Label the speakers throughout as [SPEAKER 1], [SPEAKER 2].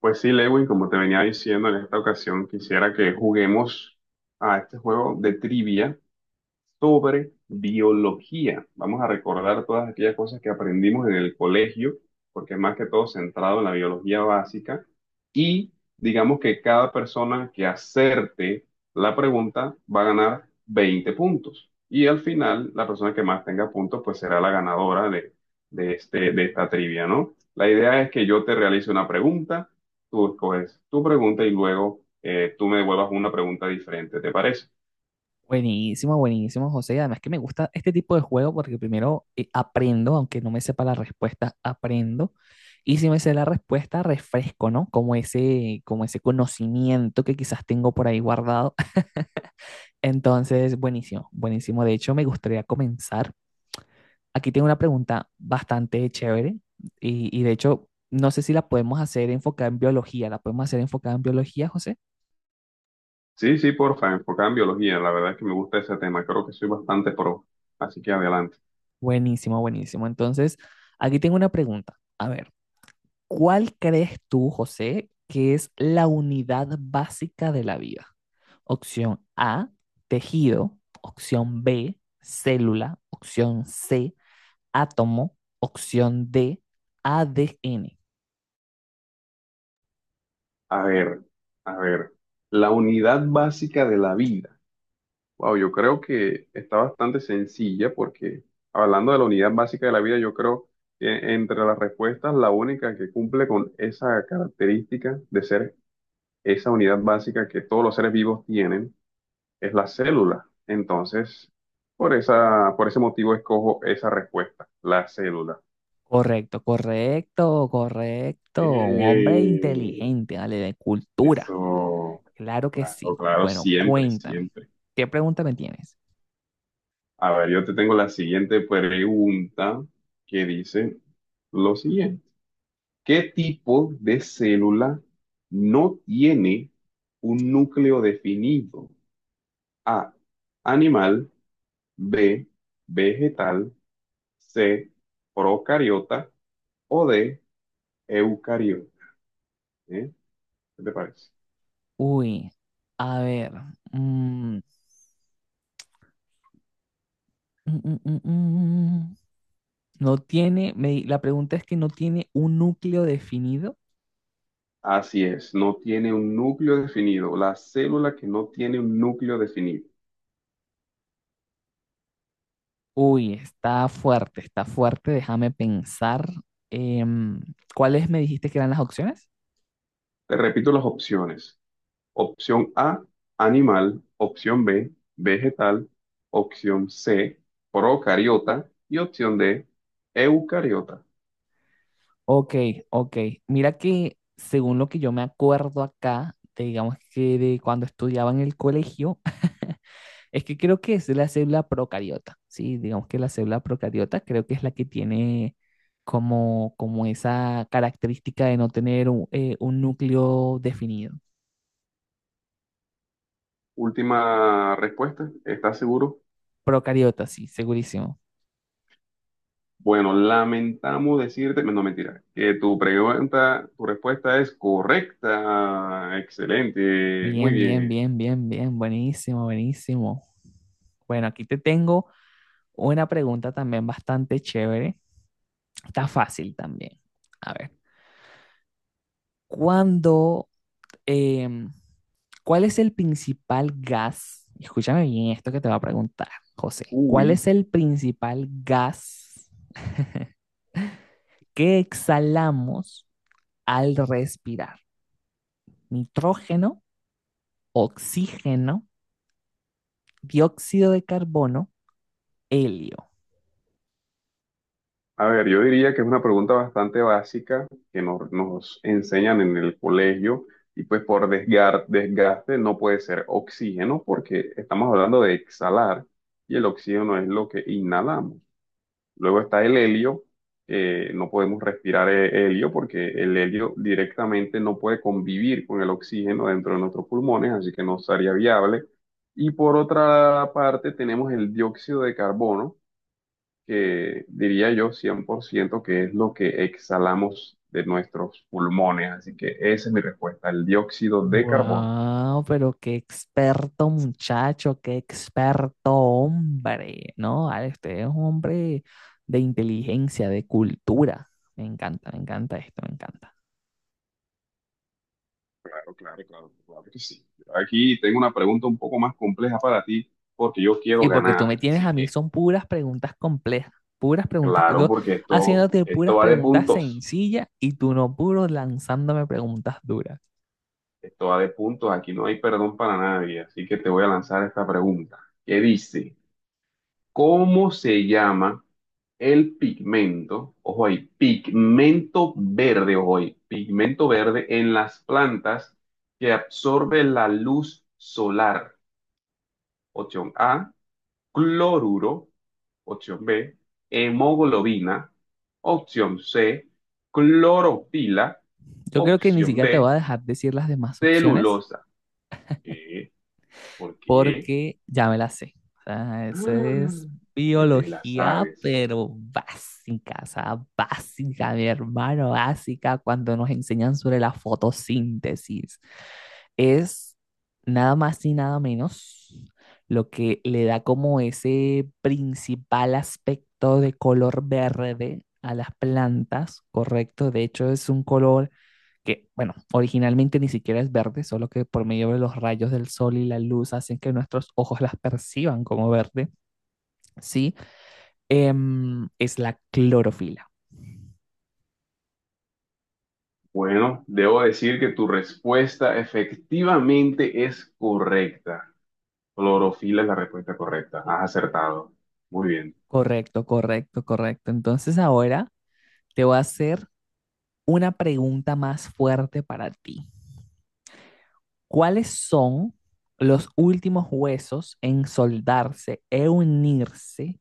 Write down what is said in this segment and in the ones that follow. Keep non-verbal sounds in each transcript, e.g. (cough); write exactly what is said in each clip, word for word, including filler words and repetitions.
[SPEAKER 1] Pues sí, Lewin, como te venía diciendo en esta ocasión, quisiera que juguemos a este juego de trivia sobre biología. Vamos a recordar todas aquellas cosas que aprendimos en el colegio, porque es más que todo centrado en la biología básica. Y digamos que cada persona que acerte la pregunta va a ganar veinte puntos. Y al final, la persona que más tenga puntos, pues será la ganadora de, de este, de esta trivia, ¿no? La idea es que yo te realice una pregunta, tú escoges tu pregunta y luego eh, tú me devuelvas una pregunta diferente, ¿te parece?
[SPEAKER 2] Buenísimo, buenísimo, José. Y además que me gusta este tipo de juego porque primero eh, aprendo, aunque no me sepa la respuesta, aprendo. Y si me sé la respuesta, refresco, ¿no? Como ese, como ese conocimiento que quizás tengo por ahí guardado. (laughs) Entonces, buenísimo, buenísimo. De hecho, me gustaría comenzar. Aquí tengo una pregunta bastante chévere y, y de hecho, no sé si la podemos hacer enfocada en biología. ¿La podemos hacer enfocada en biología, José?
[SPEAKER 1] Sí, sí, porfa, enfocada en biología. La verdad es que me gusta ese tema. Creo que soy bastante pro. Así que adelante.
[SPEAKER 2] Buenísimo, buenísimo. Entonces, aquí tengo una pregunta. A ver. ¿Cuál crees tú, José, que es la unidad básica de la vida? Opción A, tejido. Opción B, célula. Opción C, átomo. Opción D, A D N.
[SPEAKER 1] A ver, a ver. La unidad básica de la vida. Wow, yo creo que está bastante sencilla porque hablando de la unidad básica de la vida, yo creo que entre las respuestas, la única que cumple con esa característica de ser esa unidad básica que todos los seres vivos tienen es la célula. Entonces, por esa, por ese motivo escojo esa respuesta, la célula.
[SPEAKER 2] Correcto, correcto, correcto. Un hombre
[SPEAKER 1] Eh,
[SPEAKER 2] inteligente, dale. De cultura.
[SPEAKER 1] eso,
[SPEAKER 2] Claro que sí.
[SPEAKER 1] claro, claro,
[SPEAKER 2] Bueno,
[SPEAKER 1] siempre,
[SPEAKER 2] cuéntame.
[SPEAKER 1] siempre.
[SPEAKER 2] ¿Qué pregunta me tienes?
[SPEAKER 1] A ver, yo te tengo la siguiente pregunta que dice lo siguiente. ¿Qué tipo de célula no tiene un núcleo definido? A, animal, B, vegetal, C, procariota o D, eucariota. ¿Eh? ¿Qué te parece?
[SPEAKER 2] Uy, a ver. Mm, mm, mm, mm, mm. mm. No tiene, me la pregunta es que no tiene un núcleo definido.
[SPEAKER 1] Así es, no tiene un núcleo definido, la célula que no tiene un núcleo definido.
[SPEAKER 2] Uy, está fuerte, está fuerte. Déjame pensar. Em, ¿cuáles me dijiste que eran las opciones?
[SPEAKER 1] Te repito las opciones. Opción A, animal, opción B, vegetal, opción C, procariota y opción D, eucariota.
[SPEAKER 2] Ok, ok. Mira que según lo que yo me acuerdo acá, de, digamos que de cuando estudiaba en el colegio, (laughs) es que creo que es la célula procariota. Sí, digamos que la célula procariota creo que es la que tiene como, como esa característica de no tener un eh, un núcleo definido.
[SPEAKER 1] Última respuesta, ¿estás seguro?
[SPEAKER 2] Procariota, sí, segurísimo.
[SPEAKER 1] Bueno, lamentamos decirte, no mentira, que tu pregunta, tu respuesta es correcta. Excelente, muy
[SPEAKER 2] Bien, bien,
[SPEAKER 1] bien.
[SPEAKER 2] bien, bien, bien. Buenísimo, buenísimo. Bueno, aquí te tengo una pregunta también bastante chévere. Está fácil también. A ver, ¿cuándo, em, ¿cuál es el principal gas? Escúchame bien esto que te va a preguntar, José. ¿Cuál
[SPEAKER 1] Uy.
[SPEAKER 2] es el principal gas que exhalamos al respirar? ¿Nitrógeno, oxígeno, dióxido de carbono, helio?
[SPEAKER 1] A ver, yo diría que es una pregunta bastante básica que nos, nos enseñan en el colegio y pues por desgar- desgaste no puede ser oxígeno porque estamos hablando de exhalar y el oxígeno es lo que inhalamos. Luego está el helio, eh, no podemos respirar he- helio porque el helio directamente no puede convivir con el oxígeno dentro de nuestros pulmones, así que no sería viable. Y por otra parte tenemos el dióxido de carbono que diría yo cien por ciento que es lo que exhalamos de nuestros pulmones. Así que esa es mi respuesta, el dióxido de carbono.
[SPEAKER 2] Wow, pero qué experto muchacho, qué experto hombre, ¿no? Ale, usted es un hombre de inteligencia, de cultura. Me encanta, me encanta esto, me encanta.
[SPEAKER 1] Claro, claro, claro, claro que sí. Aquí tengo una pregunta un poco más compleja para ti porque yo quiero
[SPEAKER 2] Sí, porque tú me
[SPEAKER 1] ganar.
[SPEAKER 2] tienes
[SPEAKER 1] Así
[SPEAKER 2] a mí,
[SPEAKER 1] que,
[SPEAKER 2] son puras preguntas complejas, puras preguntas,
[SPEAKER 1] claro,
[SPEAKER 2] yo
[SPEAKER 1] porque esto,
[SPEAKER 2] haciéndote
[SPEAKER 1] esto
[SPEAKER 2] puras
[SPEAKER 1] va de
[SPEAKER 2] preguntas
[SPEAKER 1] puntos.
[SPEAKER 2] sencillas y tú no puro lanzándome preguntas duras.
[SPEAKER 1] Esto va de puntos. Aquí no hay perdón para nadie. Así que te voy a lanzar esta pregunta. ¿Qué dice? ¿Cómo se llama el pigmento? Ojo ahí, pigmento verde, ojo ahí, pigmento verde en las plantas que absorbe la luz solar. Opción A, cloruro. Opción B, hemoglobina. Opción C, clorofila.
[SPEAKER 2] Yo creo que ni
[SPEAKER 1] Opción
[SPEAKER 2] siquiera te
[SPEAKER 1] D,
[SPEAKER 2] voy a dejar decir las demás opciones
[SPEAKER 1] celulosa. ¿Qué? ¿Por qué?
[SPEAKER 2] porque ya me la sé. O sea, eso
[SPEAKER 1] Ah,
[SPEAKER 2] es
[SPEAKER 1] que te la
[SPEAKER 2] biología,
[SPEAKER 1] sabes.
[SPEAKER 2] pero básica, o sea, básica, mi hermano, básica, cuando nos enseñan sobre la fotosíntesis. Es nada más y nada menos lo que le da como ese principal aspecto de color verde a las plantas, ¿correcto? De hecho, es un color que, bueno, originalmente ni siquiera es verde, solo que por medio de los rayos del sol y la luz hacen que nuestros (laughs) ojos las perciban como verde, ¿sí? Em, es la clorofila.
[SPEAKER 1] Bueno, debo decir que tu respuesta efectivamente es correcta. Clorofila es la respuesta correcta. Has acertado. Muy bien.
[SPEAKER 2] Correcto, correcto, correcto. Entonces ahora te voy a hacer una pregunta más fuerte para ti. ¿Cuáles son los últimos huesos en soldarse e unirse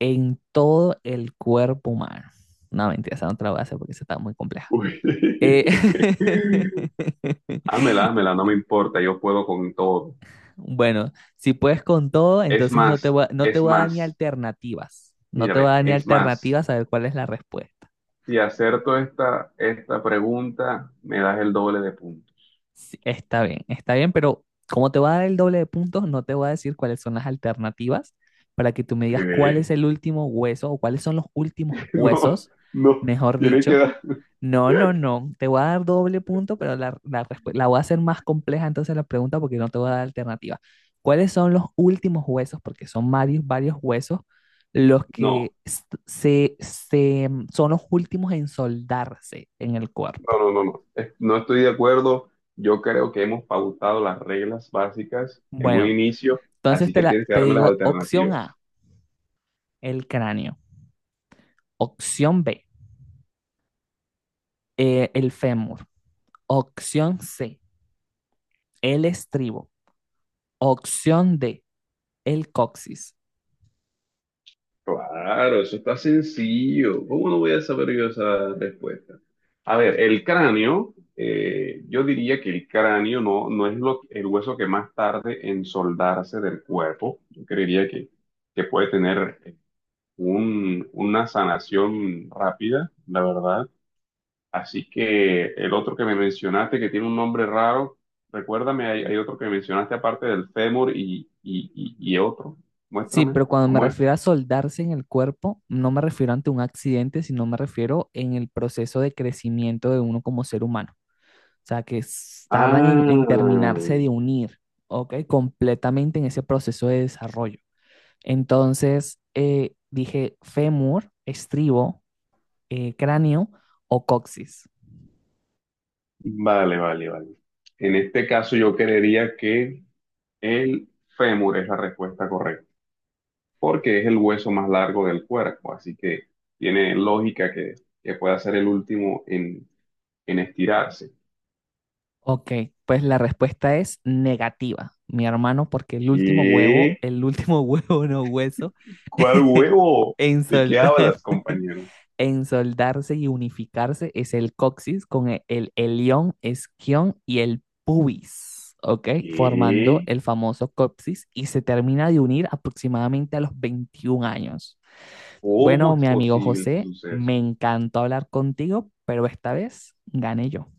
[SPEAKER 2] en todo el cuerpo humano? No, mentira, esa no te la voy a hacer porque esa está muy compleja.
[SPEAKER 1] Uy.
[SPEAKER 2] Eh,
[SPEAKER 1] (laughs) Hámela,
[SPEAKER 2] (laughs)
[SPEAKER 1] hámela, no me importa, yo puedo con todo.
[SPEAKER 2] Bueno, si puedes con todo,
[SPEAKER 1] Es
[SPEAKER 2] entonces no te
[SPEAKER 1] más,
[SPEAKER 2] voy a, no te
[SPEAKER 1] es
[SPEAKER 2] voy a dar ni
[SPEAKER 1] más,
[SPEAKER 2] alternativas. No
[SPEAKER 1] mira,
[SPEAKER 2] te voy a
[SPEAKER 1] ve,
[SPEAKER 2] dar ni
[SPEAKER 1] es más.
[SPEAKER 2] alternativas a ver cuál es la respuesta.
[SPEAKER 1] Si acerto esta, esta pregunta, me das el doble de puntos.
[SPEAKER 2] Sí, está bien, está bien, pero como te voy a dar el doble de puntos, no te voy a decir cuáles son las alternativas para que tú me digas cuál
[SPEAKER 1] ¿Qué?
[SPEAKER 2] es
[SPEAKER 1] (laughs)
[SPEAKER 2] el último hueso o cuáles son los últimos
[SPEAKER 1] No,
[SPEAKER 2] huesos,
[SPEAKER 1] no,
[SPEAKER 2] mejor
[SPEAKER 1] tienes que
[SPEAKER 2] dicho.
[SPEAKER 1] dar.
[SPEAKER 2] No, no, no. Te voy a dar doble punto, pero la, la respu- la voy a hacer más compleja entonces la pregunta porque no te voy a dar alternativa. ¿Cuáles son los últimos huesos? Porque son varios, varios huesos los
[SPEAKER 1] No.
[SPEAKER 2] que s- se, se, mm, son los últimos en soldarse en el
[SPEAKER 1] No,
[SPEAKER 2] cuerpo.
[SPEAKER 1] no, no, no. Eh, no estoy de acuerdo. Yo creo que hemos pautado las reglas básicas en un
[SPEAKER 2] Bueno,
[SPEAKER 1] inicio,
[SPEAKER 2] entonces
[SPEAKER 1] así
[SPEAKER 2] te,
[SPEAKER 1] que
[SPEAKER 2] la,
[SPEAKER 1] tienes que
[SPEAKER 2] te
[SPEAKER 1] darme las
[SPEAKER 2] digo opción
[SPEAKER 1] alternativas.
[SPEAKER 2] A, el cráneo. Opción B, eh, el fémur. Opción C, el estribo. Opción D, el coxis.
[SPEAKER 1] Claro, eso está sencillo. ¿Cómo no voy a saber yo esa respuesta? A ver, el cráneo, eh, yo diría que el cráneo no, no es lo- el hueso que más tarde en soldarse del cuerpo. Yo creería que, que puede tener un- una sanación rápida, la verdad. Así que el otro que me mencionaste, que tiene un nombre raro, recuérdame, hay, hay otro que mencionaste aparte del fémur y, y, y, y otro.
[SPEAKER 2] Sí,
[SPEAKER 1] Muéstrame,
[SPEAKER 2] pero cuando me
[SPEAKER 1] ¿cómo es?
[SPEAKER 2] refiero a soldarse en el cuerpo, no me refiero ante un accidente, sino me refiero en el proceso de crecimiento de uno como ser humano. O sea, que s- tardan en,
[SPEAKER 1] Ah,
[SPEAKER 2] en terminarse de unir, ¿ok? Completamente en ese proceso de desarrollo. Entonces, eh, dije fémur, estribo, eh, cráneo o coxis.
[SPEAKER 1] vale, vale, vale. En este caso yo creería que el fémur es la respuesta correcta, porque es el hueso más largo del cuerpo, así que tiene lógica que, que pueda ser el último en, en estirarse.
[SPEAKER 2] Ok, pues la respuesta es negativa, mi hermano, porque el último huevo,
[SPEAKER 1] ¿Qué?
[SPEAKER 2] el último (laughs) huevo no hueso,
[SPEAKER 1] ¿Cuál
[SPEAKER 2] (laughs)
[SPEAKER 1] huevo?
[SPEAKER 2] en
[SPEAKER 1] ¿De qué
[SPEAKER 2] soldarse,
[SPEAKER 1] hablas,
[SPEAKER 2] (laughs)
[SPEAKER 1] compañero?
[SPEAKER 2] en soldarse y unificarse es el coxis con e- el ilion, isquion y el pubis, ¿ok? Formando
[SPEAKER 1] ¿Qué?
[SPEAKER 2] el famoso coxis y se termina de unir aproximadamente a los veintiún años. Bueno,
[SPEAKER 1] ¿Cómo es
[SPEAKER 2] mi amigo
[SPEAKER 1] posible ese
[SPEAKER 2] José,
[SPEAKER 1] suceso?
[SPEAKER 2] me encantó hablar contigo, pero esta vez gané yo.